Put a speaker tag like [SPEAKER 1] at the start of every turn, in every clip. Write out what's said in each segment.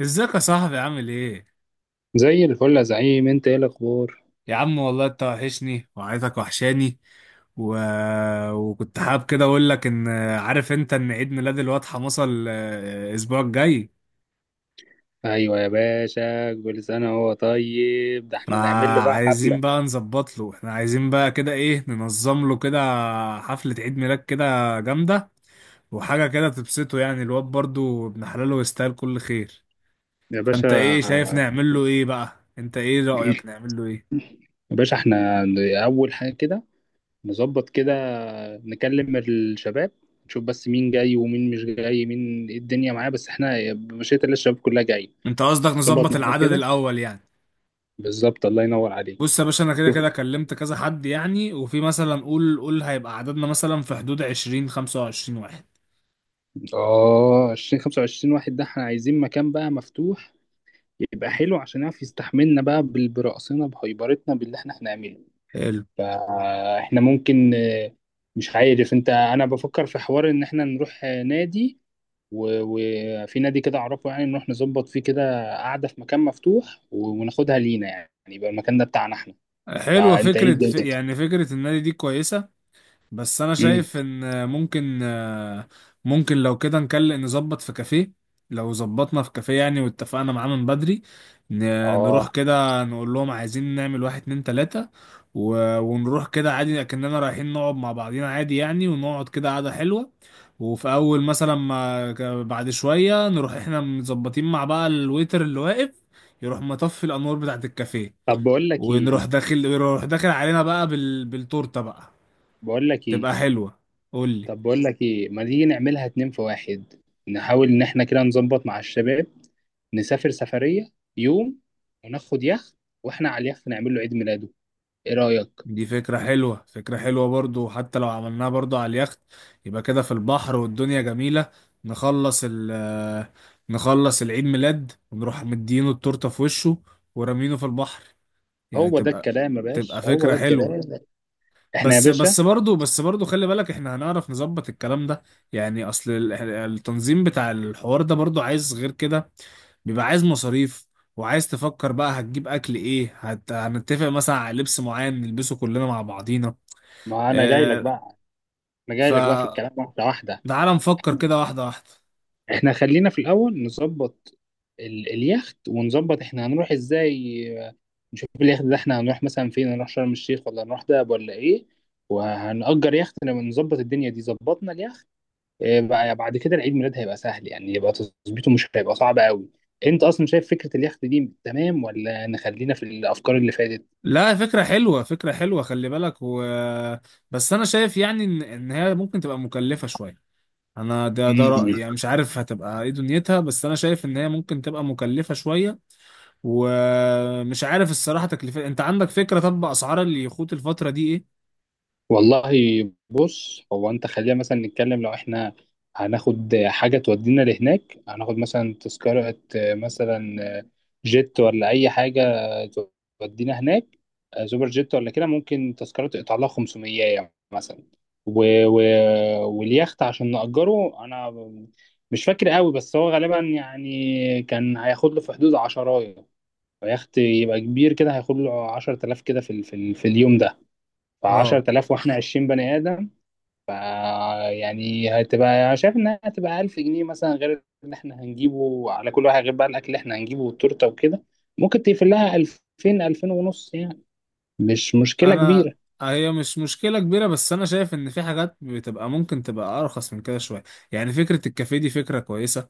[SPEAKER 1] ازيك يا صاحبي عامل ايه؟
[SPEAKER 2] زي الفل يا زعيم، انت ايه الاخبار؟
[SPEAKER 1] يا عم والله انت وحشني وعيلتك وحشاني. و... وكنت حابب كده اقول لك ان عارف انت ان عيد ميلاد الواد حمصة الاسبوع الجاي.
[SPEAKER 2] ايوه يا باشا، كل سنه وهو طيب. ده احنا نعمل له بقى
[SPEAKER 1] فعايزين
[SPEAKER 2] حفله
[SPEAKER 1] بقى نظبط له، احنا عايزين بقى كده ايه ننظم له كده حفلة عيد ميلاد كده جامدة، وحاجة كده تبسطه يعني، الواد برضو ابن حلاله يستاهل كل خير.
[SPEAKER 2] يا باشا.
[SPEAKER 1] فانت ايه شايف نعمل له ايه بقى؟ انت ايه رأيك نعمل له ايه؟
[SPEAKER 2] يا باشا احنا اول حاجه كده نظبط كده، نكلم الشباب، نشوف بس مين جاي ومين مش جاي، مين ايه الدنيا معاه. بس احنا مشيت اللي الشباب كلها جاي.
[SPEAKER 1] انت قصدك
[SPEAKER 2] نظبط
[SPEAKER 1] نظبط
[SPEAKER 2] معاهم
[SPEAKER 1] العدد
[SPEAKER 2] كده،
[SPEAKER 1] الاول يعني.
[SPEAKER 2] بالظبط الله ينور عليك.
[SPEAKER 1] بص يا باشا، انا كده
[SPEAKER 2] شوف،
[SPEAKER 1] كده كلمت كذا حد يعني، وفي مثلا قول هيبقى عددنا مثلا في حدود 20 25 واحد.
[SPEAKER 2] اه 20 25 واحد، ده احنا عايزين مكان بقى مفتوح يبقى حلو عشان يعرف يستحملنا بقى برقصنا بهيبرتنا باللي احنا هنعمله.
[SPEAKER 1] حلو.
[SPEAKER 2] فاحنا ممكن مش عارف انت، انا بفكر في حوار ان احنا نروح نادي. و- وفي نادي كده اعرفه، يعني نروح نظبط فيه كده قعدة في مكان مفتوح، وناخدها لينا، يعني يبقى المكان ده بتاعنا احنا.
[SPEAKER 1] حلوة
[SPEAKER 2] فانت ايه
[SPEAKER 1] فكرة،
[SPEAKER 2] الدنيا؟
[SPEAKER 1] يعني فكرة النادي دي كويسة، بس انا
[SPEAKER 2] امم
[SPEAKER 1] شايف ان ممكن، ممكن لو كده نكلم نظبط في كافيه. لو ظبطنا في كافيه يعني واتفقنا معاه من بدري، ن- نروح
[SPEAKER 2] اه،
[SPEAKER 1] كده نقول لهم عايزين نعمل واحد اتنين تلاتة، ونروح كده عادي، لكننا رايحين نقعد مع بعضينا عادي يعني، ونقعد كده قعدة حلوة. وفي اول مثلا ما بعد شوية نروح احنا مظبطين مع بقى الويتر اللي واقف يروح مطفي الانوار بتاعت الكافيه،
[SPEAKER 2] طب بقول لك
[SPEAKER 1] ونروح
[SPEAKER 2] ايه
[SPEAKER 1] داخل يروح داخل علينا بقى بالتورته بقى.
[SPEAKER 2] بقول لك ايه
[SPEAKER 1] تبقى حلوة. قول لي.
[SPEAKER 2] طب بقول لك ايه ما تيجي نعملها اتنين في واحد؟ نحاول ان احنا كده نظبط مع الشباب، نسافر سفرية يوم، وناخد يخت، واحنا على اليخت نعمل له عيد ميلاده. ايه رأيك؟
[SPEAKER 1] دي فكرة حلوة، فكرة حلوة برضو. حتى لو عملناها برضو على اليخت يبقى كده في البحر والدنيا جميلة. نخلص ال آه، نخلص العيد ميلاد ونروح مدينه التورتة في وشه ورمينه في البحر، يعني
[SPEAKER 2] هو ده
[SPEAKER 1] تبقى،
[SPEAKER 2] الكلام يا
[SPEAKER 1] تبقى
[SPEAKER 2] باشا، هو
[SPEAKER 1] فكرة
[SPEAKER 2] ده
[SPEAKER 1] حلوة.
[SPEAKER 2] الكلام. احنا يا
[SPEAKER 1] بس
[SPEAKER 2] باشا،
[SPEAKER 1] بس برضو، برضو خلي بالك احنا هنعرف نظبط الكلام ده. يعني اصل التنظيم بتاع الحوار ده برضو عايز غير كده، بيبقى عايز مصاريف، وعايز تفكر بقى هتجيب اكل ايه، هنتفق مثلا على لبس معين نلبسه كلنا مع بعضينا.
[SPEAKER 2] ما انا جاي لك
[SPEAKER 1] آه.
[SPEAKER 2] بقى. انا جاي
[SPEAKER 1] ف
[SPEAKER 2] لك بقى في الكلام واحدة واحدة.
[SPEAKER 1] تعالى نفكر كده واحدة واحدة.
[SPEAKER 2] احنا خلينا في الاول نظبط اليخت، ونظبط احنا هنروح ازاي. نشوف اليخت ده احنا هنروح مثلا فين، هنروح شرم الشيخ ولا هنروح دهب ولا ايه. وهنأجر يخت. لما نظبط الدنيا دي ظبطنا اليخت. بقى بعد كده العيد ميلاد هيبقى سهل، يعني يبقى تظبيطه مش هيبقى صعب قوي. انت اصلا شايف فكره اليخت دي تمام، ولا نخلينا في الافكار اللي فاتت؟
[SPEAKER 1] لا، فكرة حلوة، فكرة حلوة، خلي بالك. بس انا شايف يعني ان إن هي ممكن تبقى مكلفة شوية. انا ده رأيي
[SPEAKER 2] مم.
[SPEAKER 1] يعني، مش عارف هتبقى ايه دنيتها، بس انا شايف ان هي ممكن تبقى مكلفة شوية. ومش عارف الصراحة تكلفة، انت عندك فكرة طب اسعار اليخوت الفترة دي ايه؟
[SPEAKER 2] والله، بص، هو انت خلينا مثلا نتكلم. لو احنا هناخد حاجة تودينا لهناك، هناخد مثلا تذكرة مثلا جيت ولا أي حاجة تودينا هناك، سوبر جيت ولا كده، ممكن تذكرة تقطع لها 500 مثلا. و... و... واليخت عشان نأجره، أنا مش فاكر قوي، بس هو غالبا يعني كان هياخد له في حدود عشراية. فيخت يبقى كبير كده هياخد له 10,000 كده في اليوم ده.
[SPEAKER 1] اه.
[SPEAKER 2] ف10000 واحنا 20 بني ادم. ف يعني هتبقى شايف انها هتبقى 1000 جنيه مثلا، غير اللي احنا هنجيبه على كل واحد، غير بقى الاكل اللي احنا هنجيبه والتورته وكده. ممكن تقفل لها 2000، 2000 ونص يعني. مش مشكله
[SPEAKER 1] انا
[SPEAKER 2] كبيره.
[SPEAKER 1] هي مش مشكله كبيره، بس انا شايف ان في حاجات بتبقى ممكن تبقى ارخص من كده شويه. يعني فكره الكافيه دي فكره كويسه،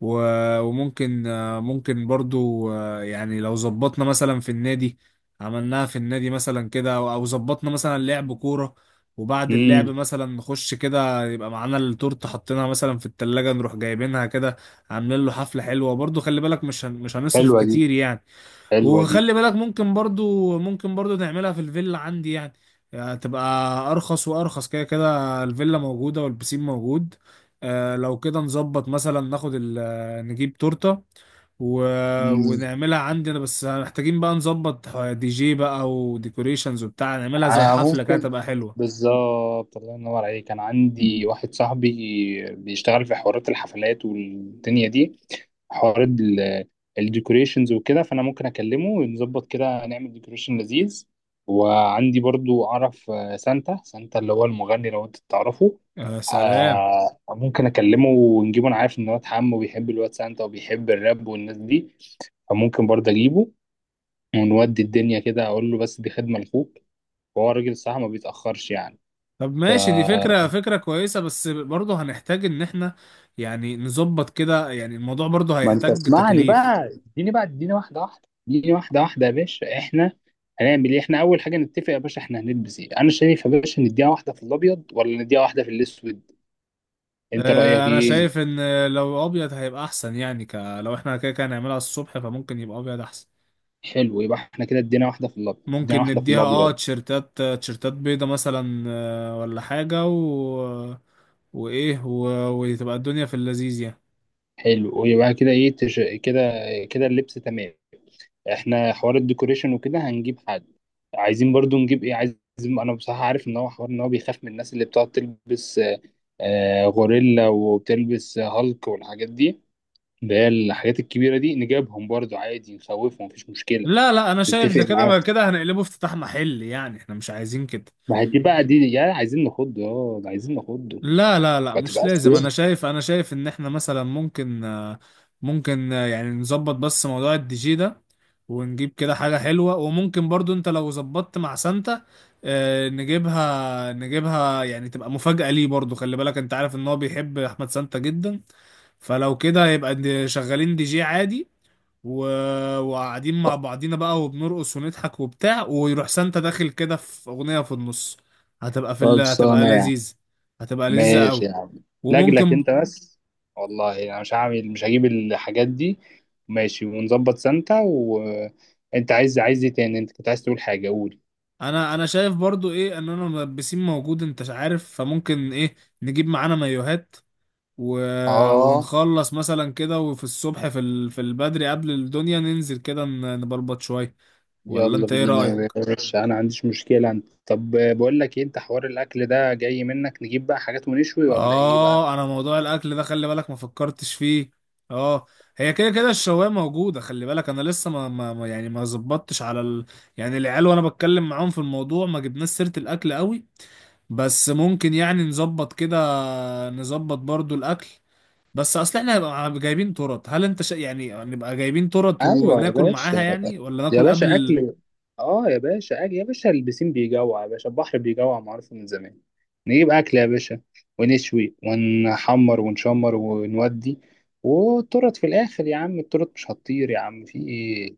[SPEAKER 1] وممكن ممكن برضو يعني لو ظبطنا مثلا في النادي، عملناها في النادي مثلا كده، او أو ظبطنا مثلا لعب كورة، وبعد اللعب
[SPEAKER 2] امم
[SPEAKER 1] مثلا نخش كده يبقى معانا التورته حاطينها مثلا في التلاجة نروح جايبينها كده، عاملين له حفلة حلوة برضو. خلي بالك مش مش هنصرف
[SPEAKER 2] حلوه دي
[SPEAKER 1] كتير يعني.
[SPEAKER 2] حلوه دي.
[SPEAKER 1] وخلي بالك ممكن برضو، ممكن برضو تعملها في الفيلا عندي يعني، يعني تبقى ارخص وارخص، كده كده الفيلا موجودة والبسين موجود. آه، لو كده نظبط مثلا ناخد نجيب تورتة و... ونعملها عندنا، بس محتاجين بقى نظبط دي جي بقى وديكوريشنز وبتاع، نعملها زي
[SPEAKER 2] انا
[SPEAKER 1] حفلة كده
[SPEAKER 2] ممكن،
[SPEAKER 1] تبقى حلوة.
[SPEAKER 2] بالظبط الله ينور عليك. انا عندي واحد صاحبي بيشتغل في حوارات الحفلات والدنيا دي، حوارات الديكوريشنز وكده. فانا ممكن اكلمه ونظبط كده نعمل ديكوريشن لذيذ. وعندي برضو اعرف سانتا اللي هو المغني، لو انت تعرفه.
[SPEAKER 1] يا سلام.
[SPEAKER 2] ممكن اكلمه ونجيبه. انا عارف ان واد عمه بيحب الواد سانتا وبيحب الراب والناس دي، فممكن برضه اجيبه ونودي الدنيا كده، اقول له بس دي خدمة لاخوك. هو الراجل الصراحة ما بيتأخرش يعني.
[SPEAKER 1] طب
[SPEAKER 2] ف
[SPEAKER 1] ماشي، دي فكرة، فكرة كويسة، بس برضه هنحتاج ان احنا يعني نظبط كده، يعني الموضوع برضه
[SPEAKER 2] ما انت
[SPEAKER 1] هيحتاج
[SPEAKER 2] اسمعني
[SPEAKER 1] تكاليف.
[SPEAKER 2] بقى. اديني واحدة واحدة يا باشا. احنا هنعمل ايه؟ احنا اول حاجة نتفق يا باشا، احنا هنلبس ايه؟ انا شايف يا باشا نديها واحدة في الابيض ولا نديها واحدة في الاسود. انت رأيك
[SPEAKER 1] انا
[SPEAKER 2] ايه؟
[SPEAKER 1] شايف ان لو ابيض هيبقى احسن يعني، لو احنا كده كده هنعملها الصبح فممكن يبقى ابيض احسن.
[SPEAKER 2] حلو، يبقى احنا كده ادينا واحدة في الابيض ادينا
[SPEAKER 1] ممكن
[SPEAKER 2] واحدة في
[SPEAKER 1] نديها اه
[SPEAKER 2] الابيض
[SPEAKER 1] تيشرتات، تيشرتات بيضة مثلا ولا حاجة، وايه وتبقى الدنيا في اللذيذ يعني.
[SPEAKER 2] حلو، ويبقى كده ايه كده، كده اللبس تمام. احنا حوار الديكوريشن وكده هنجيب حد. عايزين برضو نجيب ايه عايز. انا بصراحة عارف ان هو حوار، ان هو بيخاف من الناس اللي بتقعد تلبس غوريلا، وبتلبس هالك والحاجات دي، اللي هي الحاجات الكبيرة دي، نجيبهم برضو عادي، نخوفهم مفيش مشكلة.
[SPEAKER 1] لا لا، انا شايف
[SPEAKER 2] نتفق
[SPEAKER 1] ده كده، ما
[SPEAKER 2] معاه.
[SPEAKER 1] كده هنقلبه افتتاح محل يعني، احنا مش عايزين كده.
[SPEAKER 2] ما هي دي بقى، دي يا عايزين نخضه، اه، ده عايزين نخضه.
[SPEAKER 1] لا لا لا،
[SPEAKER 2] ما
[SPEAKER 1] مش
[SPEAKER 2] تبقاش
[SPEAKER 1] لازم. انا
[SPEAKER 2] كده.
[SPEAKER 1] شايف، انا شايف ان احنا مثلا ممكن ممكن يعني نظبط بس موضوع الدي جي ده، ونجيب كده حاجة حلوة، وممكن برضو انت لو ظبطت مع سانتا نجيبها، نجيبها، يعني تبقى مفاجأة ليه برضو. خلي بالك انت عارف ان هو بيحب احمد سانتا جدا. فلو كده يبقى شغالين دي جي عادي، و... وقاعدين مع بعضينا بقى وبنرقص ونضحك وبتاع، ويروح سانتا داخل كده في أغنية في النص، هتبقى في هتبقى
[SPEAKER 2] خلصانة يا عم.
[SPEAKER 1] لذيذ. هتبقى لذيذة
[SPEAKER 2] ماشي
[SPEAKER 1] قوي.
[SPEAKER 2] يا عم، لجلك
[SPEAKER 1] وممكن،
[SPEAKER 2] انت بس. والله انا مش هعمل، مش هجيب الحاجات دي. ماشي، ونظبط سانتا. وانت عايز، عايز ايه تاني؟ انت كنت عايز تقول حاجة، قول.
[SPEAKER 1] انا، انا شايف برضو ايه ان انا ملبسين موجود انت عارف، فممكن ايه نجيب معانا مايوهات و...
[SPEAKER 2] اه،
[SPEAKER 1] ونخلص مثلا كده، وفي الصبح في في البدري قبل الدنيا ننزل كده نبلبط شوية. ولا
[SPEAKER 2] يلا
[SPEAKER 1] انت ايه
[SPEAKER 2] بينا يا
[SPEAKER 1] رأيك؟
[SPEAKER 2] باشا، انا ما عنديش مشكلة انت. طب بقول لك ايه، انت حوار الاكل ده جاي منك. نجيب بقى حاجات ونشوي ولا ايه بقى؟
[SPEAKER 1] اه. انا موضوع الاكل ده خلي بالك ما فكرتش فيه. اه. هي كده كده الشوايه موجودة. خلي بالك انا لسه يعني ما زبطتش على يعني العيال وانا بتكلم معاهم في الموضوع ما جبناش سيرة الاكل قوي. بس ممكن يعني نظبط كده، نظبط برضو الاكل. بس اصل احنا هنبقى جايبين ترط، هل انت يعني نبقى جايبين ترط
[SPEAKER 2] ايوه يا
[SPEAKER 1] وناكل معاها
[SPEAKER 2] باشا.
[SPEAKER 1] يعني، ولا
[SPEAKER 2] يا
[SPEAKER 1] ناكل قبل
[SPEAKER 2] باشا اكل، اه يا باشا اكل يا باشا، البسين بيجوع يا باشا، البحر بيجوع معروف من زمان. نجيب اكل يا باشا، ونشوي ونحمر ونشمر ونودي. والترط في الاخر يا عم، الترط مش هتطير يا عم، في ايه؟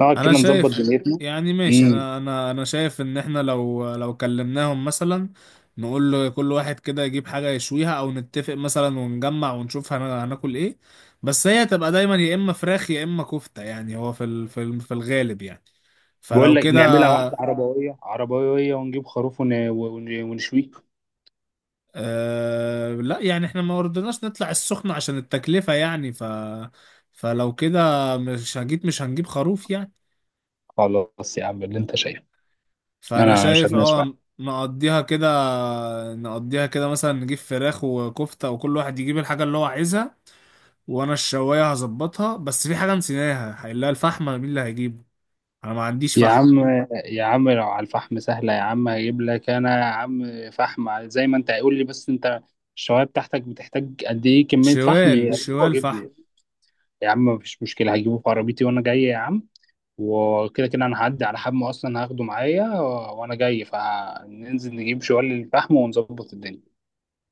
[SPEAKER 2] نقعد
[SPEAKER 1] انا
[SPEAKER 2] كده نظبط
[SPEAKER 1] شايف
[SPEAKER 2] دنيتنا.
[SPEAKER 1] يعني، ماشي،
[SPEAKER 2] امم
[SPEAKER 1] انا انا شايف ان احنا لو كلمناهم مثلا نقول له كل واحد كده يجيب حاجة يشويها، او نتفق مثلا ونجمع ونشوف هناكل ايه. بس هي هتبقى دايما يا اما فراخ يا اما كفتة يعني، هو في في الغالب يعني.
[SPEAKER 2] بقول
[SPEAKER 1] فلو
[SPEAKER 2] لك،
[SPEAKER 1] كده.
[SPEAKER 2] نعملها واحده عربويه عربويه ونجيب خروف ونشويه.
[SPEAKER 1] أه لا، يعني احنا ما رضيناش نطلع السخنة عشان التكلفة يعني. فلو كده مش هجيب، مش هنجيب خروف يعني.
[SPEAKER 2] خلاص يا عم اللي انت شايفه،
[SPEAKER 1] فأنا
[SPEAKER 2] انا مش
[SPEAKER 1] شايف
[SPEAKER 2] هتناقش
[SPEAKER 1] اه
[SPEAKER 2] معاك.
[SPEAKER 1] نقضيها كده، نقضيها كده مثلا نجيب فراخ وكفتة وكل واحد يجيب الحاجة اللي هو عايزها. وأنا الشواية هظبطها، بس في حاجة نسيناها، هنلاقي الفحم مين اللي هيجيبه؟ أنا ما عنديش
[SPEAKER 2] يا
[SPEAKER 1] فحم.
[SPEAKER 2] عم، يا عم لو على الفحم سهلة يا عم. هجيب لك أنا يا عم فحم زي ما أنت هيقول لي. بس أنت الشواية بتاعتك بتحتاج قد إيه كمية فحم؟
[SPEAKER 1] شوال،
[SPEAKER 2] أيوة
[SPEAKER 1] شوال
[SPEAKER 2] جيب
[SPEAKER 1] فحم.
[SPEAKER 2] لي. يا عم مفيش مشكلة، هجيبه في عربيتي وأنا جاي يا عم. وكده كده أنا هعدي على حمو أصلا، هاخده معايا، وأنا جاي فننزل نجيب شوال الفحم ونظبط الدنيا.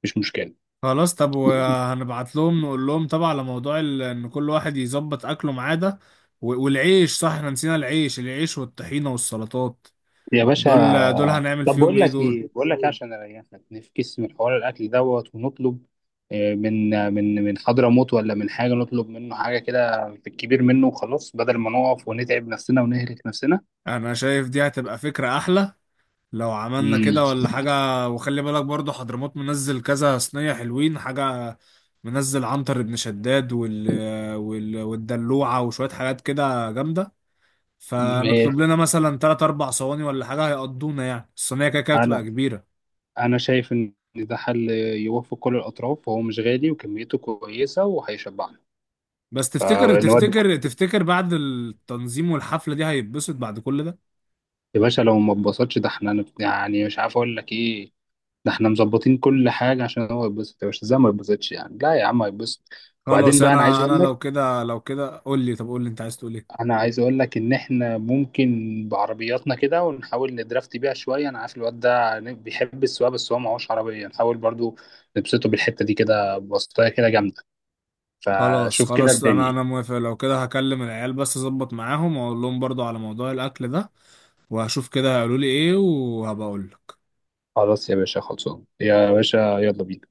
[SPEAKER 2] مش مشكلة
[SPEAKER 1] خلاص. طب وهنبعت لهم نقول لهم طبعا على موضوع ان كل واحد يظبط اكله معاه ده، والعيش، صح احنا نسينا العيش، العيش والطحينة والسلطات،
[SPEAKER 2] يا باشا.
[SPEAKER 1] دول، دول هنعمل
[SPEAKER 2] طب
[SPEAKER 1] فيهم
[SPEAKER 2] بقول
[SPEAKER 1] ايه
[SPEAKER 2] لك
[SPEAKER 1] دول؟
[SPEAKER 2] ايه، بقول لك إيه، عشان اريحك نفكس من حوار الاكل دوت ونطلب من حضرموت ولا من حاجه، نطلب منه حاجه كده في الكبير منه، وخلاص بدل ما نقف ونتعب نفسنا ونهلك نفسنا.
[SPEAKER 1] انا شايف دي هتبقى فكرة احلى لو عملنا
[SPEAKER 2] امم
[SPEAKER 1] كده ولا حاجة. وخلي بالك برضو حضرموت منزل كذا صينية حلوين حاجة، منزل عنتر بن شداد والدلوعة وشوية حاجات كده جامدة،
[SPEAKER 2] ماشي،
[SPEAKER 1] فنطلب لنا مثلا تلات أربع صواني ولا حاجة هيقضونا يعني، الصينية كده كده بتبقى
[SPEAKER 2] انا
[SPEAKER 1] كبيرة.
[SPEAKER 2] انا شايف ان ده حل يوفق كل الاطراف، وهو مش غالي وكميته كويسه وهيشبعنا.
[SPEAKER 1] بس تفتكر،
[SPEAKER 2] فنودي
[SPEAKER 1] تفتكر بعد التنظيم والحفلة دي هيتبسط بعد كل ده؟
[SPEAKER 2] يا باشا. لو ما اتبسطش، ده احنا يعني مش عارف اقول لك ايه. ده احنا مظبطين كل حاجة عشان هو يتبسط يا باشا. ازاي ما يتبسطش يعني؟ لا يا عم هيتبسط. وبعدين
[SPEAKER 1] خلاص.
[SPEAKER 2] بقى انا عايز
[SPEAKER 1] انا انا
[SPEAKER 2] اقول لك،
[SPEAKER 1] لو كده، لو كده قول لي، طب قول لي انت عايز تقول ايه.
[SPEAKER 2] انا عايز اقول لك ان احنا ممكن بعربياتنا كده ونحاول ندرافت بيها شوية. انا عارف الواد ده بيحب السواقة، بس هو معهوش عربية. نحاول برضو نبسطه بالحتة دي، كده بسطاية كده جامدة.
[SPEAKER 1] خلاص
[SPEAKER 2] فشوف كده
[SPEAKER 1] خلاص، انا
[SPEAKER 2] الدنيا.
[SPEAKER 1] انا موافق. لو كده هكلم العيال بس اظبط معاهم واقول لهم برضو على موضوع الاكل ده، وهشوف كده هيقولوا لي ايه وهبقى اقول لك.
[SPEAKER 2] خلاص يا باشا، خلصان يا باشا، يلا بينا.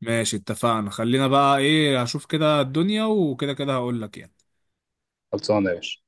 [SPEAKER 1] ماشي اتفقنا، خلينا بقى ايه هشوف كده الدنيا وكده كده هقول لك يعني.
[SPEAKER 2] خلصانة يا باشا.